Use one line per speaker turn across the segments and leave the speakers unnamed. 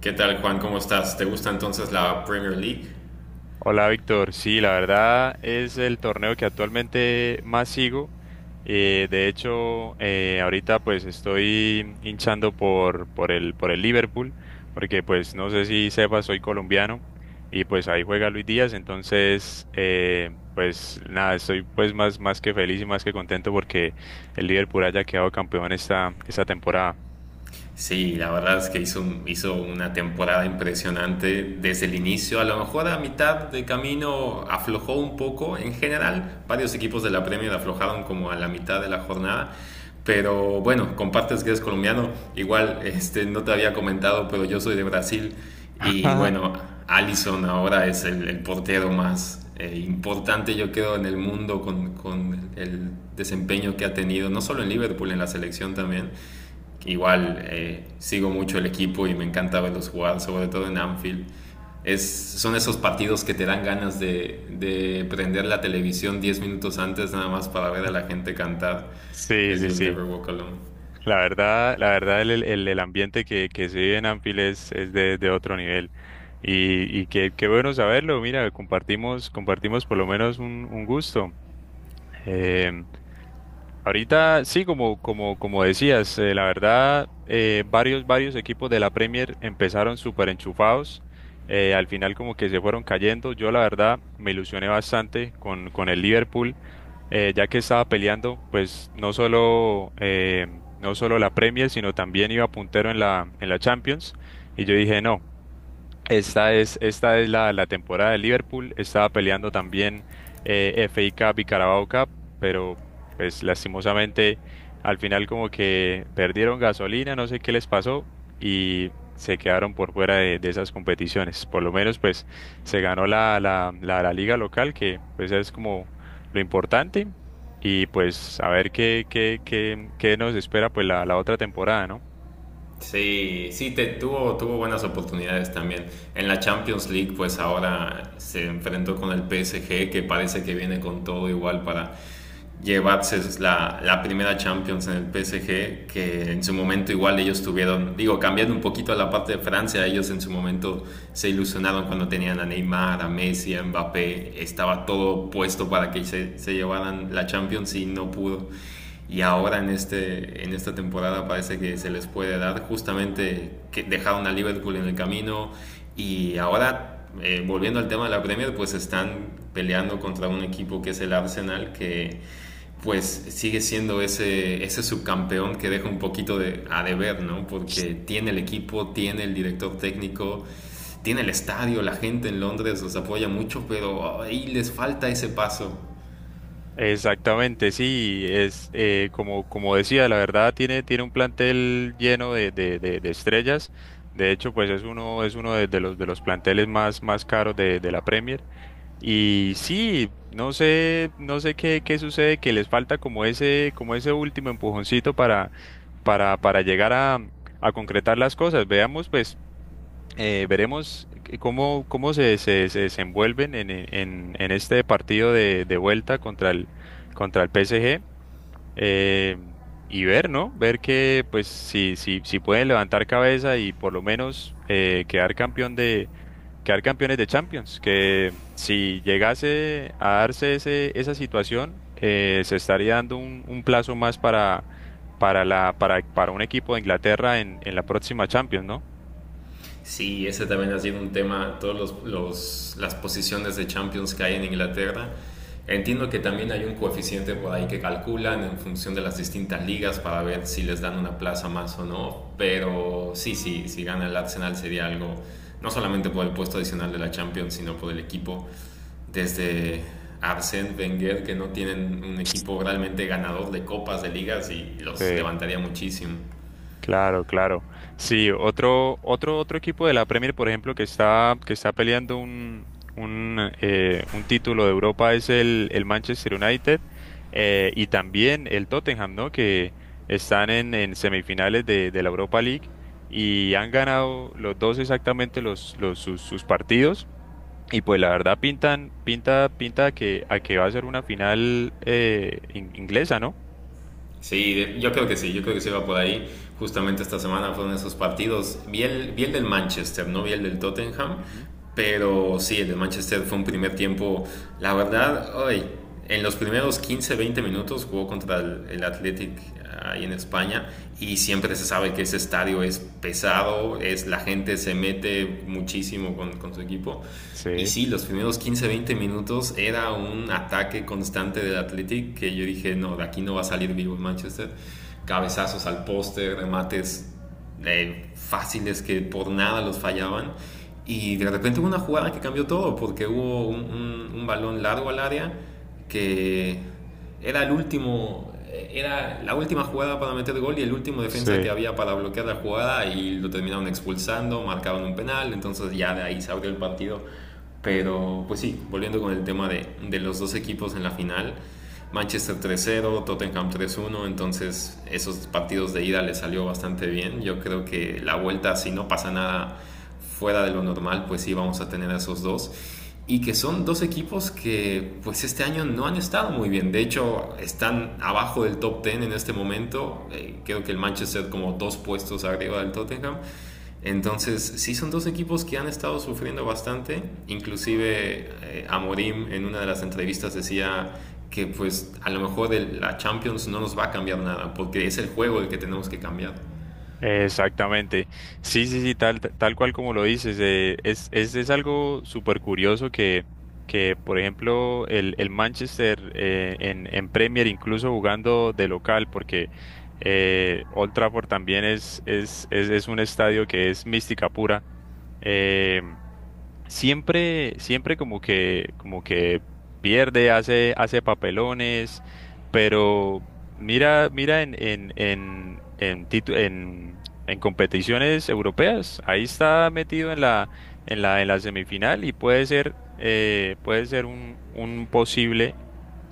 ¿Qué tal, Juan? ¿Cómo estás? ¿Te gusta entonces la Premier League?
Hola Víctor, sí, la verdad es el torneo que actualmente más sigo. De hecho, ahorita pues estoy hinchando por el Liverpool, porque pues no sé si sepas, soy colombiano y pues ahí juega Luis Díaz, entonces pues nada, estoy pues más que feliz y más que contento porque el Liverpool haya quedado campeón esta temporada.
Sí, la verdad es que hizo una temporada impresionante desde el inicio. A lo mejor a mitad de camino aflojó un poco en general. Varios equipos de la Premier aflojaron como a la mitad de la jornada. Pero bueno, compartes que eres colombiano. Igual este, no te había comentado, pero yo soy de Brasil. Y bueno, Alisson ahora es el portero más importante, yo creo, en el mundo con el desempeño que ha tenido, no solo en Liverpool, en la selección también. Igual sigo mucho el equipo y me encanta verlos jugar, sobre todo en Anfield. Es, son esos partidos que te dan ganas de prender la televisión 10 minutos antes nada más para ver a la gente cantar
Sí,
el
sí,
You'll Never
sí.
Walk Alone.
La verdad el ambiente que se vive en Anfield es de otro nivel. Y qué bueno saberlo. Mira, compartimos, compartimos por lo menos un gusto. Em, Ahorita sí, como decías, la verdad, varios equipos de la Premier empezaron súper enchufados. Eh, al final como que se fueron cayendo. Yo la verdad me ilusioné bastante con el Liverpool, ya que estaba peleando, pues no solo, no solo la Premier, sino también iba puntero en la Champions. Y yo dije, no, la temporada de Liverpool. Estaba peleando también FA Cup y Carabao Cup, pero pues lastimosamente al final como que perdieron gasolina, no sé qué les pasó y se quedaron por fuera de esas competiciones. Por lo menos pues se ganó la liga local, que pues es como lo importante. Y pues a ver qué nos espera pues la otra temporada, ¿no?
Sí, sí, tuvo, tuvo buenas oportunidades también. En la Champions League, pues ahora se enfrentó con el PSG, que parece que viene con todo igual para llevarse la primera Champions en el PSG, que en su momento igual ellos tuvieron, digo, cambiando un poquito a la parte de Francia, ellos en su momento se ilusionaron cuando tenían a Neymar, a Messi, a Mbappé, estaba todo puesto para que se llevaran la Champions y no
Ujú.
pudo. Y ahora en esta temporada parece que se les puede dar, justamente que dejaron a Liverpool en el camino. Y ahora volviendo al tema de la Premier, pues están peleando contra un equipo que es el Arsenal, que pues sigue siendo ese subcampeón que deja un poquito de, a deber, ¿no? Porque tiene el equipo, tiene el director técnico, tiene el estadio, la gente en Londres los apoya mucho, pero ahí les falta ese paso.
Exactamente, sí, es como decía, la verdad tiene un plantel lleno de estrellas. De hecho, pues es uno de los de los planteles más caros de la Premier. Y sí, no sé, no sé qué, qué sucede, que les falta como ese último empujoncito para llegar a concretar las cosas. Veamos, pues. Cómo, se desenvuelven en este partido de vuelta contra el PSG eh, y ver, ¿no? Ver que pues si, si, si pueden levantar cabeza y por lo menos quedar campeones de Champions, que si llegase a darse ese, esa situación, se estaría dando un plazo más para un equipo de Inglaterra en la próxima Champions, ¿no?
Sí, ese también ha sido un tema. Las posiciones de Champions que hay en Inglaterra. Entiendo que también hay un coeficiente por ahí que calculan en función de las distintas ligas para ver si les dan una plaza más o no, pero sí, sí, si gana el Arsenal sería algo, no solamente por el puesto adicional de la Champions, sino por el equipo. Desde Arsène Wenger, que no tienen un equipo realmente ganador de copas, de ligas, y los
Sí.
levantaría muchísimo.
Claro, claro. Sí, otro equipo de la Premier, por ejemplo, que está peleando un título de Europa es el Manchester United y también el Tottenham, ¿no? Que están en semifinales de la Europa League y han ganado los dos exactamente sus partidos. Y pues la verdad pinta a que va a ser una final inglesa, ¿no?
Sí, yo creo que sí, yo creo que sí va por ahí. Justamente esta semana fueron esos partidos. Vi el del Manchester, no vi el del Tottenham,
Ujú.
pero sí, el del Manchester fue un primer tiempo. La verdad, hoy, en los primeros 15, 20 minutos jugó contra el Athletic ahí en España, y siempre se sabe que ese estadio es pesado, es, la gente se mete muchísimo con su equipo. Y
Sí,
sí, los primeros 15 20 minutos era un ataque constante del Athletic, que yo dije, no, de aquí no va a salir vivo el Manchester. Cabezazos al poste, remates fáciles que por nada los fallaban. Y de repente hubo una jugada que cambió todo, porque hubo un balón largo al área que era era la última jugada para meter gol, y el último defensa que
sí.
había para bloquear la jugada y lo terminaron expulsando, marcaron un penal, entonces ya de ahí se abrió el partido. Pero pues sí, volviendo con el tema de los dos equipos en la final, Manchester 3-0, Tottenham 3-1, entonces esos partidos de ida le salió bastante bien. Yo creo que la vuelta, si no pasa nada fuera de lo normal, pues sí vamos a tener a esos dos. Y que son dos equipos que pues este año no han estado muy bien. De hecho, están abajo del top 10 en este momento. Creo que el Manchester como dos puestos arriba del Tottenham. Entonces, sí son dos equipos que han estado sufriendo bastante. Inclusive Amorim en una de las entrevistas decía que pues a lo mejor la Champions no nos va a cambiar nada, porque es el juego el que tenemos que cambiar.
Exactamente. Sí, sí, sí, tal cual como lo dices. Eh, es algo súper curioso que, por ejemplo, el Manchester en Premier, incluso jugando de local, porque Old Trafford también es un estadio que es mística pura. Eh, siempre, siempre como que pierde, hace, hace papelones, pero mira, mira en competiciones europeas, ahí está metido en en la semifinal y puede ser un posible,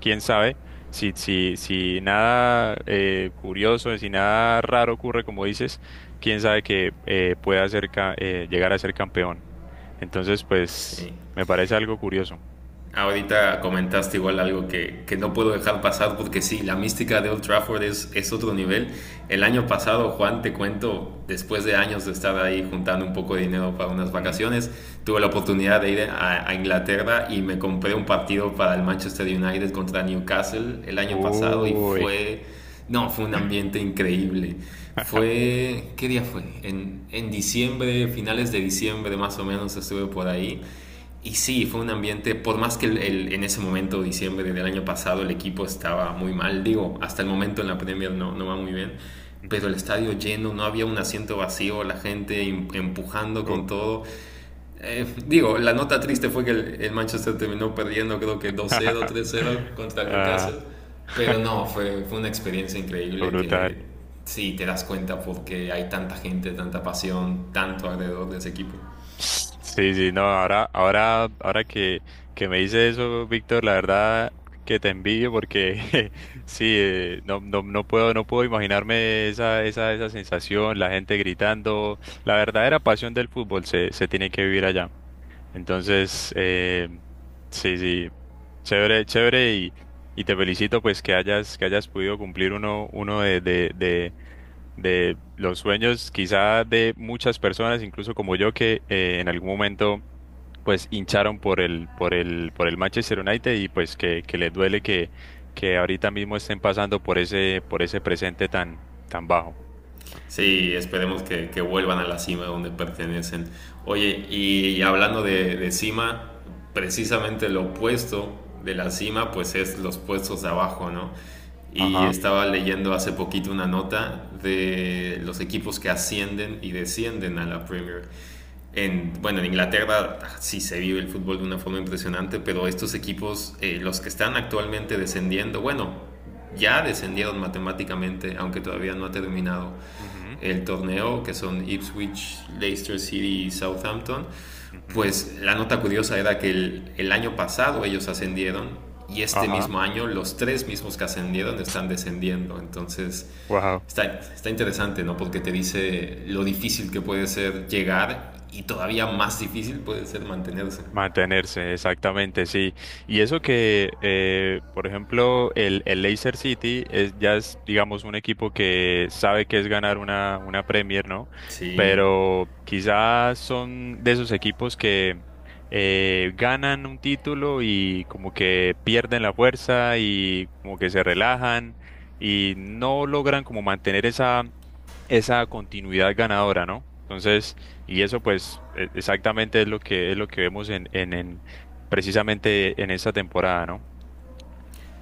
quién sabe. Si, si, si nada curioso, si nada raro ocurre, como dices, quién sabe que llegar a ser campeón. Entonces, pues,
Sí.
me parece algo curioso.
Ahorita comentaste igual algo que no puedo dejar pasar porque sí, la mística de Old Trafford es otro nivel. El año pasado, Juan, te cuento, después de años de estar ahí juntando un poco de dinero para unas
Ujú.
vacaciones, tuve la oportunidad de ir a Inglaterra y me compré un partido para el Manchester United contra Newcastle el año pasado, y
Uy.
fue, no, fue un ambiente increíble. Fue, ¿qué día fue? Diciembre, finales de diciembre más o menos estuve por ahí. Y sí, fue un ambiente, por más que en ese momento, diciembre del año pasado, el equipo estaba muy mal, digo, hasta el momento en la Premier no, no va muy bien, pero
Ujú.
el estadio lleno, no había un asiento vacío, la gente empujando con
Uf.
todo. Digo, la nota triste fue que el Manchester terminó perdiendo, creo que dos cero, tres cero contra el
Ah,
Newcastle, pero no, fue, fue una experiencia increíble, que
brutal.
sí, te das cuenta porque hay tanta gente, tanta pasión, tanto alrededor de ese equipo.
Sí, sí, no, ahora que me dice eso, Víctor, la verdad que te envidio porque sí, no, no puedo, no puedo imaginarme esa sensación, la gente gritando. La verdadera pasión del fútbol se, se tiene que vivir allá. Entonces, sí, sí, chévere, chévere y te felicito pues que hayas podido cumplir uno, uno de los sueños quizá de muchas personas, incluso como yo, que en algún momento pues hincharon por el Manchester United y pues que les duele que ahorita mismo estén pasando por ese presente tan, tan bajo.
Sí, esperemos que vuelvan a la cima donde pertenecen. Oye, y, hablando de cima, precisamente lo opuesto de la cima, pues es los puestos de abajo, ¿no? Y
Ajá.
estaba leyendo hace poquito una nota de los equipos que ascienden y descienden a la Premier. En, bueno, en Inglaterra, ah, sí se vive el fútbol de una forma impresionante, pero estos equipos, los que están actualmente descendiendo, bueno, ya descendieron matemáticamente, aunque todavía no ha terminado
ujú,
el torneo, que son Ipswich, Leicester City y Southampton,
ujú,
pues la nota curiosa era que el año pasado ellos ascendieron, y este
Ajá.
mismo año los tres mismos que ascendieron están descendiendo. Entonces,
Wow.
está, está interesante, ¿no? Porque te dice lo difícil que puede ser llegar y todavía más difícil puede ser mantenerse.
Mantenerse, exactamente, sí. Y eso que, por ejemplo, el Leicester City es, ya es, digamos, un equipo que sabe que es ganar una Premier, ¿no?
Sí,
Pero quizás son de esos equipos que ganan un título y como que pierden la fuerza y como que se relajan y no logran como mantener esa esa continuidad ganadora, ¿no? Entonces, y eso pues exactamente es lo que vemos precisamente en esta temporada, ¿no?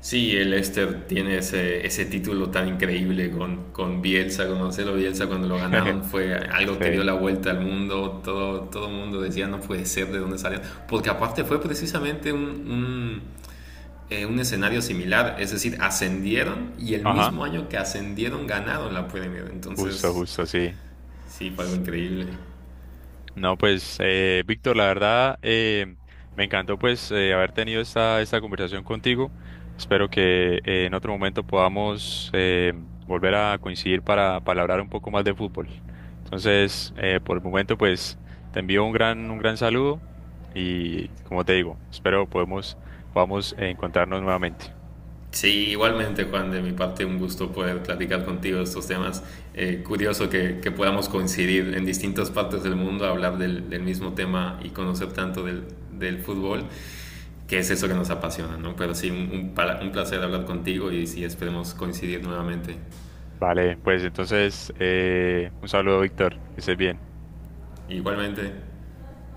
sí, el Leicester tiene ese título tan increíble con Bielsa, con Marcelo Bielsa. Cuando lo ganaron fue algo que dio
Sí.
la vuelta al mundo, todo el mundo decía no puede ser, de dónde salió, porque aparte fue precisamente un escenario similar, es decir, ascendieron y el
Ajá,
mismo año que ascendieron ganaron la Premier,
justo,
entonces
justo, sí.
sí, fue algo increíble.
No, pues, Víctor, la verdad, me encantó pues haber tenido esta, esta conversación contigo. Espero que en otro momento podamos volver a coincidir para hablar un poco más de fútbol. Entonces, por el momento, pues, te envío un gran saludo y, como te digo, espero podemos, podamos encontrarnos nuevamente.
Sí, igualmente Juan, de mi parte un gusto poder platicar contigo de estos temas. Curioso que podamos coincidir en distintas partes del mundo, hablar del mismo tema y conocer tanto del, del fútbol, que es eso que nos apasiona, ¿no? Pero sí, un placer hablar contigo, y sí, esperemos coincidir nuevamente.
Vale, pues entonces, un saludo, Víctor, que estés bien.
Igualmente.